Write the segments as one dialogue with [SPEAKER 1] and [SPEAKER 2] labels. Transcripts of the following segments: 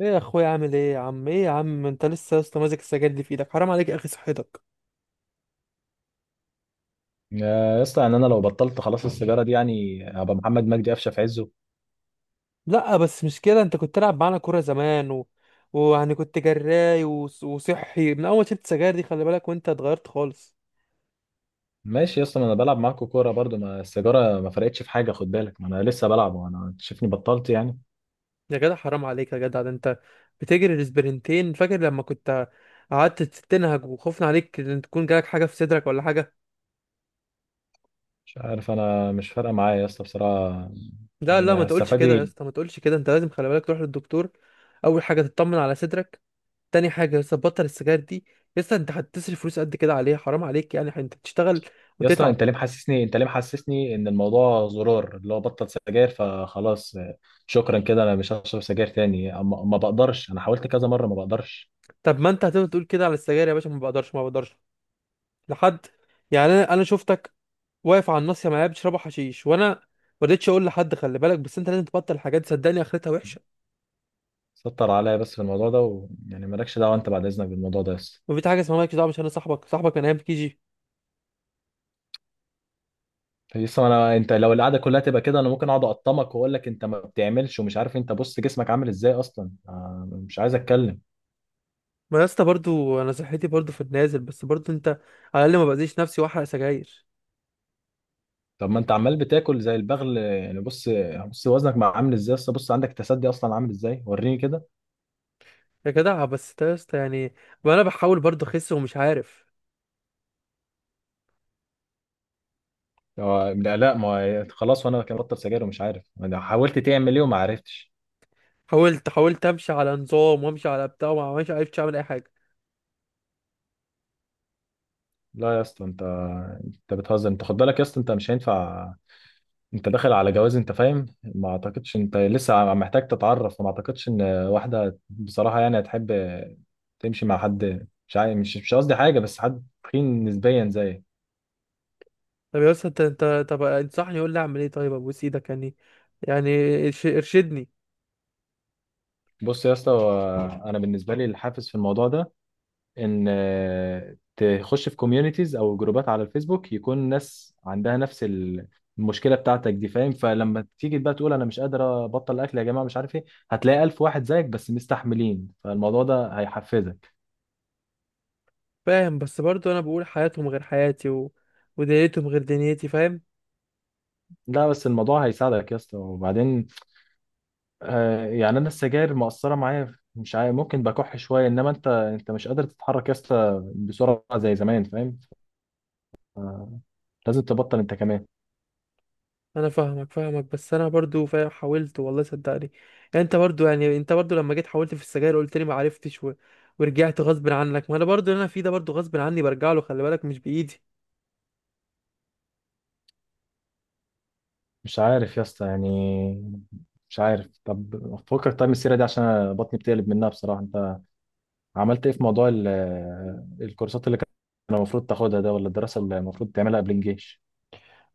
[SPEAKER 1] ايه يا اخويا، عامل ايه يا عم؟ ايه يا عم، انت لسه يا اسطى ماسك السجاير دي في ايدك؟ حرام عليك يا اخي، صحتك.
[SPEAKER 2] يا اسطى، يعني انا لو بطلت خلاص السيجاره دي يعني هبقى محمد مجدي قفشه في عزه.
[SPEAKER 1] لا بس مش كده، انت كنت تلعب معانا كوره زمان ويعني كنت جراي، وصحي. من اول شفت السجاير دي خلي بالك، وانت اتغيرت خالص.
[SPEAKER 2] ماشي يا اسطى، ما انا بلعب معاكوا كوره برضو، ما السيجاره ما فرقتش في حاجه، خد بالك، ما انا لسه بلعب وانا شايفني بطلت يعني.
[SPEAKER 1] يا جدع حرام عليك يا جدع، ده انت بتجري الاسبرنتين، فاكر لما كنت قعدت تنهج وخوفنا عليك ان تكون جالك حاجه في صدرك ولا حاجه؟
[SPEAKER 2] مش عارف، انا مش فارقه معايا يا اسطى بصراحه.
[SPEAKER 1] لا، ما
[SPEAKER 2] يعني
[SPEAKER 1] تقولش
[SPEAKER 2] هستفاد
[SPEAKER 1] كده يا
[SPEAKER 2] ايه؟
[SPEAKER 1] اسطى، ما تقولش كده، انت لازم خلي بالك تروح للدكتور. اول حاجه تطمن على صدرك، تاني حاجة يا اسطى بطل السجاير دي. يا اسطى انت هتصرف فلوس قد كده عليها؟ حرام عليك، يعني انت بتشتغل
[SPEAKER 2] يا اسطى،
[SPEAKER 1] وتتعب.
[SPEAKER 2] انت ليه محسسني ان الموضوع زرار اللي هو بطل سجاير فخلاص؟ شكرا كده، انا مش هشرب سجاير تاني. ما بقدرش، انا حاولت كذا مره ما بقدرش.
[SPEAKER 1] طب ما انت هتفضل تقول كده على السجاير يا باشا، ما بقدرش ما بقدرش، لحد يعني انا شفتك واقف على الناصية معايا بتشربوا حشيش، وانا ما رضيتش اقول لحد. خلي بالك، بس انت لازم تبطل الحاجات دي، صدقني اخرتها وحشة.
[SPEAKER 2] سطر عليا بس في الموضوع ده، ويعني مالكش دعوه انت بعد اذنك بالموضوع ده يا اسطى.
[SPEAKER 1] وفي حاجة اسمها مالكش دعوة؟ مش انا صاحبك، صاحبك من ايام كي جي.
[SPEAKER 2] لسه ما انا، انت لو القعده كلها تبقى كده انا ممكن اقعد اقطمك واقول لك انت ما بتعملش ومش عارف. انت بص جسمك عامل ازاي اصلا؟ مش عايز اتكلم.
[SPEAKER 1] ما يا اسطى برضه انا صحتي برضه في النازل، بس برضه انت على الاقل ما باذيش نفسي واحرق سجاير.
[SPEAKER 2] طب ما انت عمال بتاكل زي البغل يعني. بص، بص وزنك ما عامل ازاي اصلا، بص عندك تسدي اصلا عامل ازاي، وريني كده.
[SPEAKER 1] يا جدع بس ده يا اسطى يعني، وانا بحاول برضه اخس ومش عارف.
[SPEAKER 2] لا، لا، ما هو خلاص، وانا كان بطل سجاير ومش عارف، انا حاولت تعمل ايه وما عرفتش.
[SPEAKER 1] حاولت، حاولت امشي على نظام وامشي على بتاع، وما مش عرفتش اعمل اي حاجه.
[SPEAKER 2] لا يا اسطى، انت بتهزر. انت خد بالك يا اسطى، انت مش هينفع، انت داخل على جواز انت فاهم. ما اعتقدش انت لسه محتاج تتعرف، وما اعتقدش ان واحده بصراحه يعني هتحب تمشي مع حد مش قصدي حاجه، بس حد تخين نسبيا زيك.
[SPEAKER 1] طب يا اسطى انت، طب انصحني، قول لي اعمل ايه طيب، ابوس ايدك يعني. يعني ارشدني.
[SPEAKER 2] بص يا اسطى، هو انا بالنسبه لي الحافز في الموضوع ده ان تخش في كوميونيتيز او جروبات على الفيسبوك، يكون ناس عندها نفس المشكله بتاعتك دي فاهم. فلما تيجي بقى تقول انا مش قادر ابطل اكل يا جماعه مش عارف ايه، هتلاقي الف واحد زيك بس مستحملين، فالموضوع ده هيحفزك.
[SPEAKER 1] فاهم، بس برضو انا بقول حياتهم غير حياتي ودنيتهم غير دنيتي، فاهم.
[SPEAKER 2] لا بس الموضوع هيساعدك يا اسطى، وبعدين يعني انا السجاير مؤثره معايا مش عارف، ممكن بكح شويه، انما انت مش قادر تتحرك يا اسطى بسرعه زي زمان فاهم. آه لازم تبطل انت كمان.
[SPEAKER 1] انا فاهمك فاهمك، بس انا برضو فاهم، حاولت والله صدقني. يعني انت برضو، يعني انت برضو لما جيت حاولت في السجاير قلت لي ما عرفتش ورجعت غصب عنك. ما انا برضو اللي انا فيه ده برضو غصب عني، برجع له، خلي بالك مش بايدي.
[SPEAKER 2] مش عارف يا اسطى يعني، مش عارف. طب فكك طيب من السيره دي عشان أنا بطني بتقلب منها بصراحه. انت عملت ايه في موضوع الكورسات اللي كان المفروض تاخدها ده، ولا الدراسه اللي المفروض تعملها قبل الجيش؟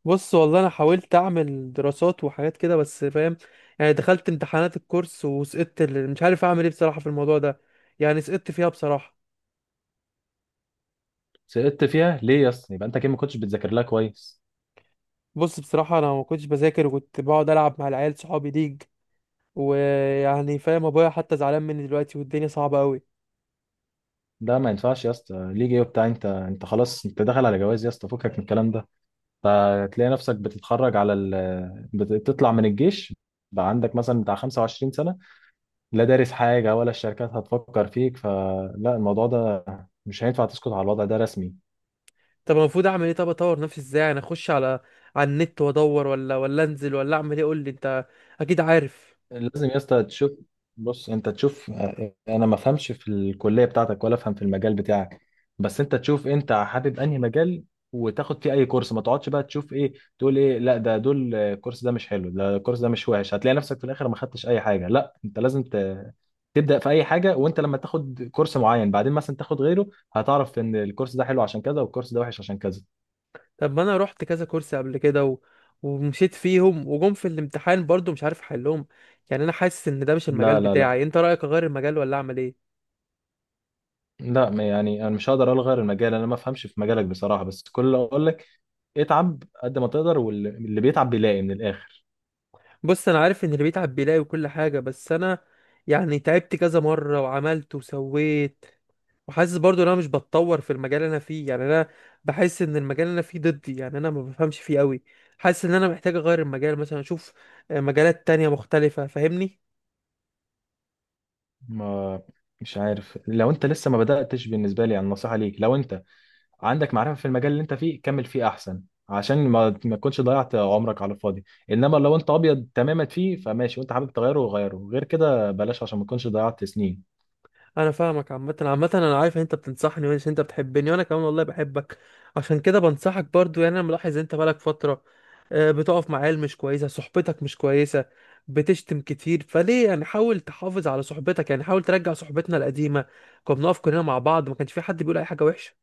[SPEAKER 1] بص والله انا حاولت اعمل دراسات وحاجات كده، بس فاهم يعني دخلت امتحانات الكورس وسقطت مش عارف اعمل ايه بصراحة في الموضوع ده، يعني سقطت فيها بصراحة.
[SPEAKER 2] سقطت فيها ليه يا اسطى؟ يبقى انت كده ما كنتش بتذاكر لها كويس.
[SPEAKER 1] بص بصراحة انا ما كنتش بذاكر، وكنت بقعد العب مع العيال صحابي ليج، ويعني فاهم ابويا حتى زعلان مني دلوقتي، والدنيا صعبة قوي.
[SPEAKER 2] ده ما ينفعش يا اسطى، ليج ايه وبتاع، انت خلاص، انت داخل على جواز يا اسطى، فكك من الكلام ده. فتلاقي نفسك بتتخرج على بتطلع من الجيش بقى عندك مثلا بتاع 25 سنة، لا دارس حاجة، ولا الشركات هتفكر فيك، فلا الموضوع ده مش هينفع، تسكت على الوضع ده رسمي.
[SPEAKER 1] طب المفروض اعمل ايه؟ طب اطور نفسي ازاي؟ يعني اخش على على النت وادور؟ ولا انزل؟ ولا اعمل ايه؟ قول لي انت اكيد عارف.
[SPEAKER 2] لازم يا اسطى تشوف، بص انت تشوف. انا ما فهمش في الكليه بتاعتك ولا افهم في المجال بتاعك، بس انت تشوف انت حابب انهي مجال وتاخد فيه اي كورس. ما تقعدش بقى تشوف ايه، تقول ايه، لا ده دول الكورس ده مش حلو، ده الكورس ده مش وحش، هتلاقي نفسك في الاخر ما خدتش اي حاجه. لا انت لازم تبدا في اي حاجه، وانت لما تاخد كورس معين بعدين مثلا تاخد غيره، هتعرف ان الكورس ده حلو عشان كذا، والكورس ده وحش عشان كذا.
[SPEAKER 1] طب ما انا رحت كذا كورس قبل كده ومشيت فيهم وجم في الامتحان برضو مش عارف احلهم. يعني انا حاسس ان ده مش المجال
[SPEAKER 2] لا، لا، لا،
[SPEAKER 1] بتاعي، انت رأيك اغير المجال ولا اعمل ايه؟
[SPEAKER 2] لا، يعني انا مش هقدر الغي المجال، انا ما افهمش في مجالك بصراحه، بس كل اللي اقول لك اتعب قد ما تقدر، واللي بيتعب بيلاقي من الاخر.
[SPEAKER 1] بص انا عارف ان اللي بيتعب بيلاقي وكل حاجة، بس انا يعني تعبت كذا مرة وعملت وسويت، وحاسس برضو ان انا مش بتطور في المجال اللي انا فيه، يعني انا بحس ان المجال اللي انا فيه ضدي، يعني انا ما بفهمش فيه قوي. حاسس ان انا محتاج اغير المجال، مثلا اشوف آه، مجالات تانية مختلفة، فاهمني.
[SPEAKER 2] ما مش عارف، لو انت لسه ما بداتش بالنسبه لي يعني نصيحه ليك، لو انت عندك معرفه في المجال اللي انت فيه كمل فيه احسن، عشان ما تكونش ضيعت عمرك على الفاضي. انما لو انت ابيض تماما فيه فماشي، وانت حابب تغيره غيره، غير كده بلاش، عشان ما تكونش ضيعت سنين.
[SPEAKER 1] انا فاهمك، عامه عامه انا عارف ان انت بتنصحني وان انت بتحبني، وانا كمان والله بحبك، عشان كده بنصحك برضو. يعني انا ملاحظ انت بقالك فتره آه، بتقف مع عيال مش كويسه، صحبتك مش كويسه، بتشتم كتير، فليه يعني؟ حاول تحافظ على صحبتك، يعني حاول ترجع صحبتنا القديمه، كنا بنقف كلنا مع بعض، ما كانش في حد بيقول اي حاجه وحشه.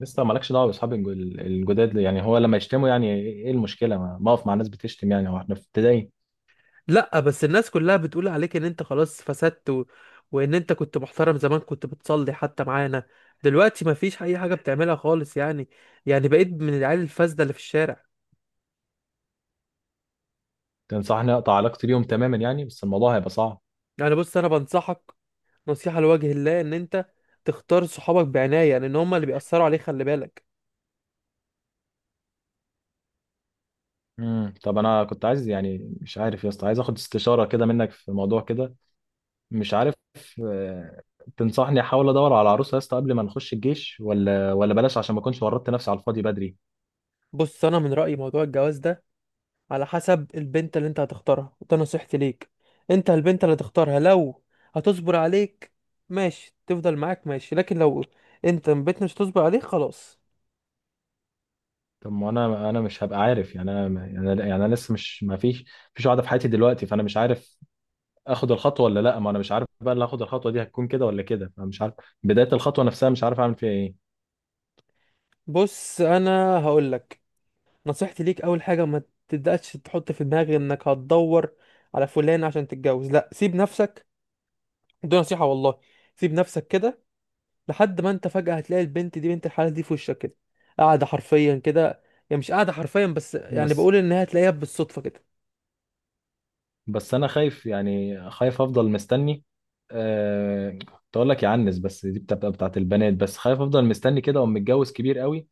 [SPEAKER 2] لسه مالكش دعوه باصحاب الجداد يعني. هو لما يشتموا يعني ايه؟ إيه المشكله ما اقف مع ناس بتشتم؟ يعني هو احنا في ابتدائي؟
[SPEAKER 1] لا بس الناس كلها بتقول عليك ان انت خلاص فسدت وان انت كنت محترم زمان، كنت بتصلي حتى معانا، دلوقتي ما فيش اي حاجه بتعملها خالص، يعني يعني بقيت من العيال الفاسده اللي في الشارع.
[SPEAKER 2] تنصحني اقطع علاقتي بيهم تماما يعني؟ بس الموضوع هيبقى صعب.
[SPEAKER 1] يعني بص انا بنصحك نصيحة لوجه الله، ان انت تختار صحابك بعناية، لان هما اللي بيأثروا عليك، خلي بالك.
[SPEAKER 2] طب انا كنت عايز يعني، مش عارف يا اسطى، عايز اخد استشاره كده منك في موضوع كده. مش عارف، آه، تنصحني احاول ادور على عروسه يا اسطى قبل ما نخش الجيش؟ ولا بلاش عشان ما اكونش ورطت نفسي على الفاضي بدري؟
[SPEAKER 1] بص انا من رأيي موضوع الجواز ده على حسب البنت اللي انت هتختارها، وده نصيحتي ليك. انت البنت اللي هتختارها لو هتصبر عليك ماشي، تفضل معاك ماشي، لكن لو انت البنت مش هتصبر عليك خلاص.
[SPEAKER 2] طب ما انا مش هبقى عارف يعني، انا يعني انا لسه مش، ما فيش مفيش واحده في حياتي دلوقتي، فانا مش عارف اخد الخطوه ولا لا. ما انا مش عارف بقى اللي هاخد الخطوه دي هتكون كده ولا كده، فمش عارف. بدايه الخطوه نفسها مش عارف اعمل فيها ايه.
[SPEAKER 1] بص انا هقولك نصيحتي ليك، اول حاجة ما تبدأش تحط في دماغك انك هتدور على فلان عشان تتجوز، لا، سيب نفسك، دي نصيحة والله. سيب نفسك كده لحد ما انت فجأة هتلاقي البنت دي، بنت الحلال دي، في وشك كده، قاعدة حرفيا كده، يعني مش قاعدة حرفيا، بس يعني
[SPEAKER 2] بس
[SPEAKER 1] بقول ان هي هتلاقيها بالصدفة كده.
[SPEAKER 2] بس انا خايف يعني، خايف افضل مستني. كنت اقول لك يعنس بس دي بتبقى بتاعت البنات، بس خايف افضل مستني كده، وأقوم متجوز كبير قوي.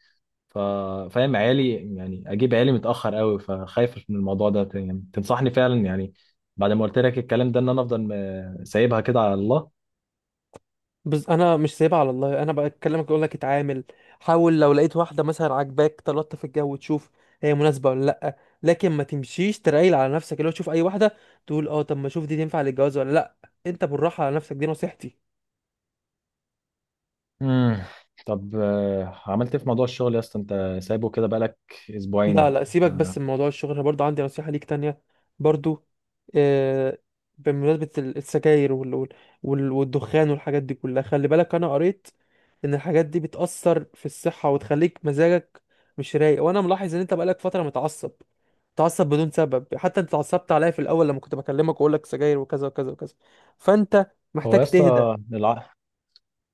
[SPEAKER 2] ف- فاهم عيالي يعني، اجيب عيالي متاخر قوي، فخايف من الموضوع ده. يعني تنصحني فعلا يعني بعد ما قلت لك الكلام ده ان انا افضل سايبها كده على الله؟
[SPEAKER 1] بس انا مش سايبها على الله، انا بكلمك اقول لك اتعامل. حاول لو لقيت واحدة مثلا عاجباك تلطف في الجو وتشوف هي مناسبة ولا لا، لكن ما تمشيش ترايل على نفسك، اللي هو تشوف اي واحدة تقول اه طب ما اشوف دي تنفع للجواز ولا لا، انت بالراحة على نفسك، دي نصيحتي.
[SPEAKER 2] امم طب، عملت ايه في موضوع الشغل يا اسطى؟ انت سايبه كده بقالك
[SPEAKER 1] لا
[SPEAKER 2] اسبوعين.
[SPEAKER 1] لا سيبك بس
[SPEAKER 2] آه،
[SPEAKER 1] من موضوع الشغل، أنا برضو عندي نصيحة ليك تانية، برضو آه، بمناسبة السجاير والدخان والحاجات دي كلها، خلي بالك، أنا قريت إن الحاجات دي بتأثر في الصحة وتخليك مزاجك مش رايق، وأنا ملاحظ إن أنت بقالك فترة متعصب، متعصب بدون سبب، حتى أنت اتعصبت عليا في الأول لما كنت بكلمك وأقول لك سجاير وكذا وكذا وكذا، فأنت
[SPEAKER 2] هو
[SPEAKER 1] محتاج
[SPEAKER 2] يا
[SPEAKER 1] تهدى.
[SPEAKER 2] اسطى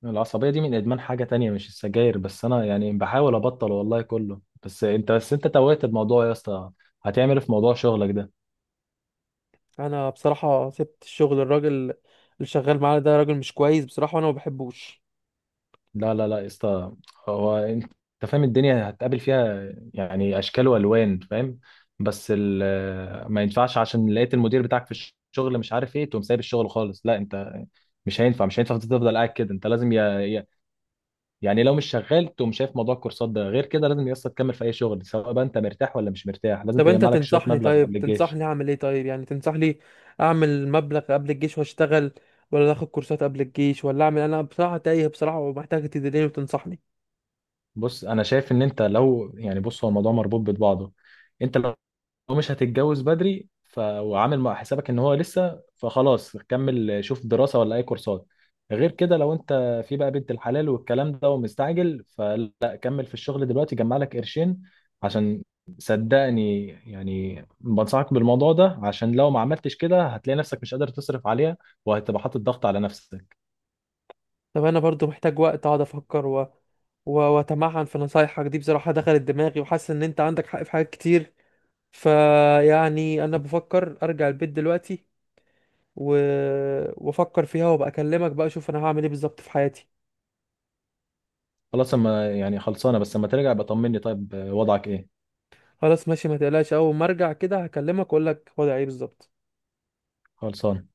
[SPEAKER 2] العصبية دي من إدمان حاجة تانية مش السجاير بس، أنا يعني بحاول أبطل والله كله، بس أنت توهت الموضوع يا اسطى. هتعمل إيه في موضوع شغلك ده؟
[SPEAKER 1] أنا بصراحة سبت الشغل، الراجل اللي شغال معانا ده راجل مش كويس بصراحة، وأنا ما بحبوش.
[SPEAKER 2] لا، لا، لا، يا اسطى، هو أنت فاهم الدنيا هتقابل فيها يعني أشكال وألوان فاهم. بس ما ينفعش عشان لقيت المدير بتاعك في الشغل مش عارف إيه تقوم سايب الشغل خالص. لا أنت مش هينفع، تفضل قاعد كده. أنت لازم يعني لو مش شغال تقوم شايف موضوع الكورسات ده، غير كده لازم يا اسطى تكمل في اي شغل، سواء بقى انت مرتاح ولا مش مرتاح، لازم
[SPEAKER 1] طب انت
[SPEAKER 2] تجمع لك شويه
[SPEAKER 1] تنصحني،
[SPEAKER 2] مبلغ
[SPEAKER 1] طيب
[SPEAKER 2] قبل الجيش.
[SPEAKER 1] تنصحني اعمل ايه طيب، يعني تنصحني اعمل مبلغ قبل الجيش واشتغل، ولا اخد كورسات قبل الجيش، ولا اعمل؟ انا بصراحة تايه بصراحة، ومحتاج تدليني وتنصحني.
[SPEAKER 2] بص انا شايف ان انت لو يعني، بص هو الموضوع مربوط ببعضه. انت هو مش هتتجوز بدري، وعامل مع حسابك ان هو لسه، فخلاص كمل شوف دراسة ولا اي كورسات. غير كده لو انت في بقى بنت الحلال والكلام ده ومستعجل، فلا كمل في الشغل دلوقتي جمع لك قرشين، عشان صدقني يعني بنصحك بالموضوع ده، عشان لو ما عملتش كده هتلاقي نفسك مش قادر تصرف عليها، وهتبقى حاطط ضغط على نفسك.
[SPEAKER 1] طب انا برضو محتاج وقت اقعد افكر واتمعن في نصايحك دي، بصراحة دخلت دماغي وحاسس ان انت عندك حق في حاجات كتير، فيعني انا بفكر ارجع البيت دلوقتي و... وافكر فيها وابقى اكلمك بقى اشوف انا هعمل ايه بالظبط في حياتي.
[SPEAKER 2] خلاص، اما يعني خلصانة، بس اما ترجع بطمني طيب وضعك ايه.
[SPEAKER 1] خلاص ماشي ما تقلقش، اول ما ارجع كده هكلمك واقول لك وضعي ايه بالظبط.
[SPEAKER 2] خلصانة.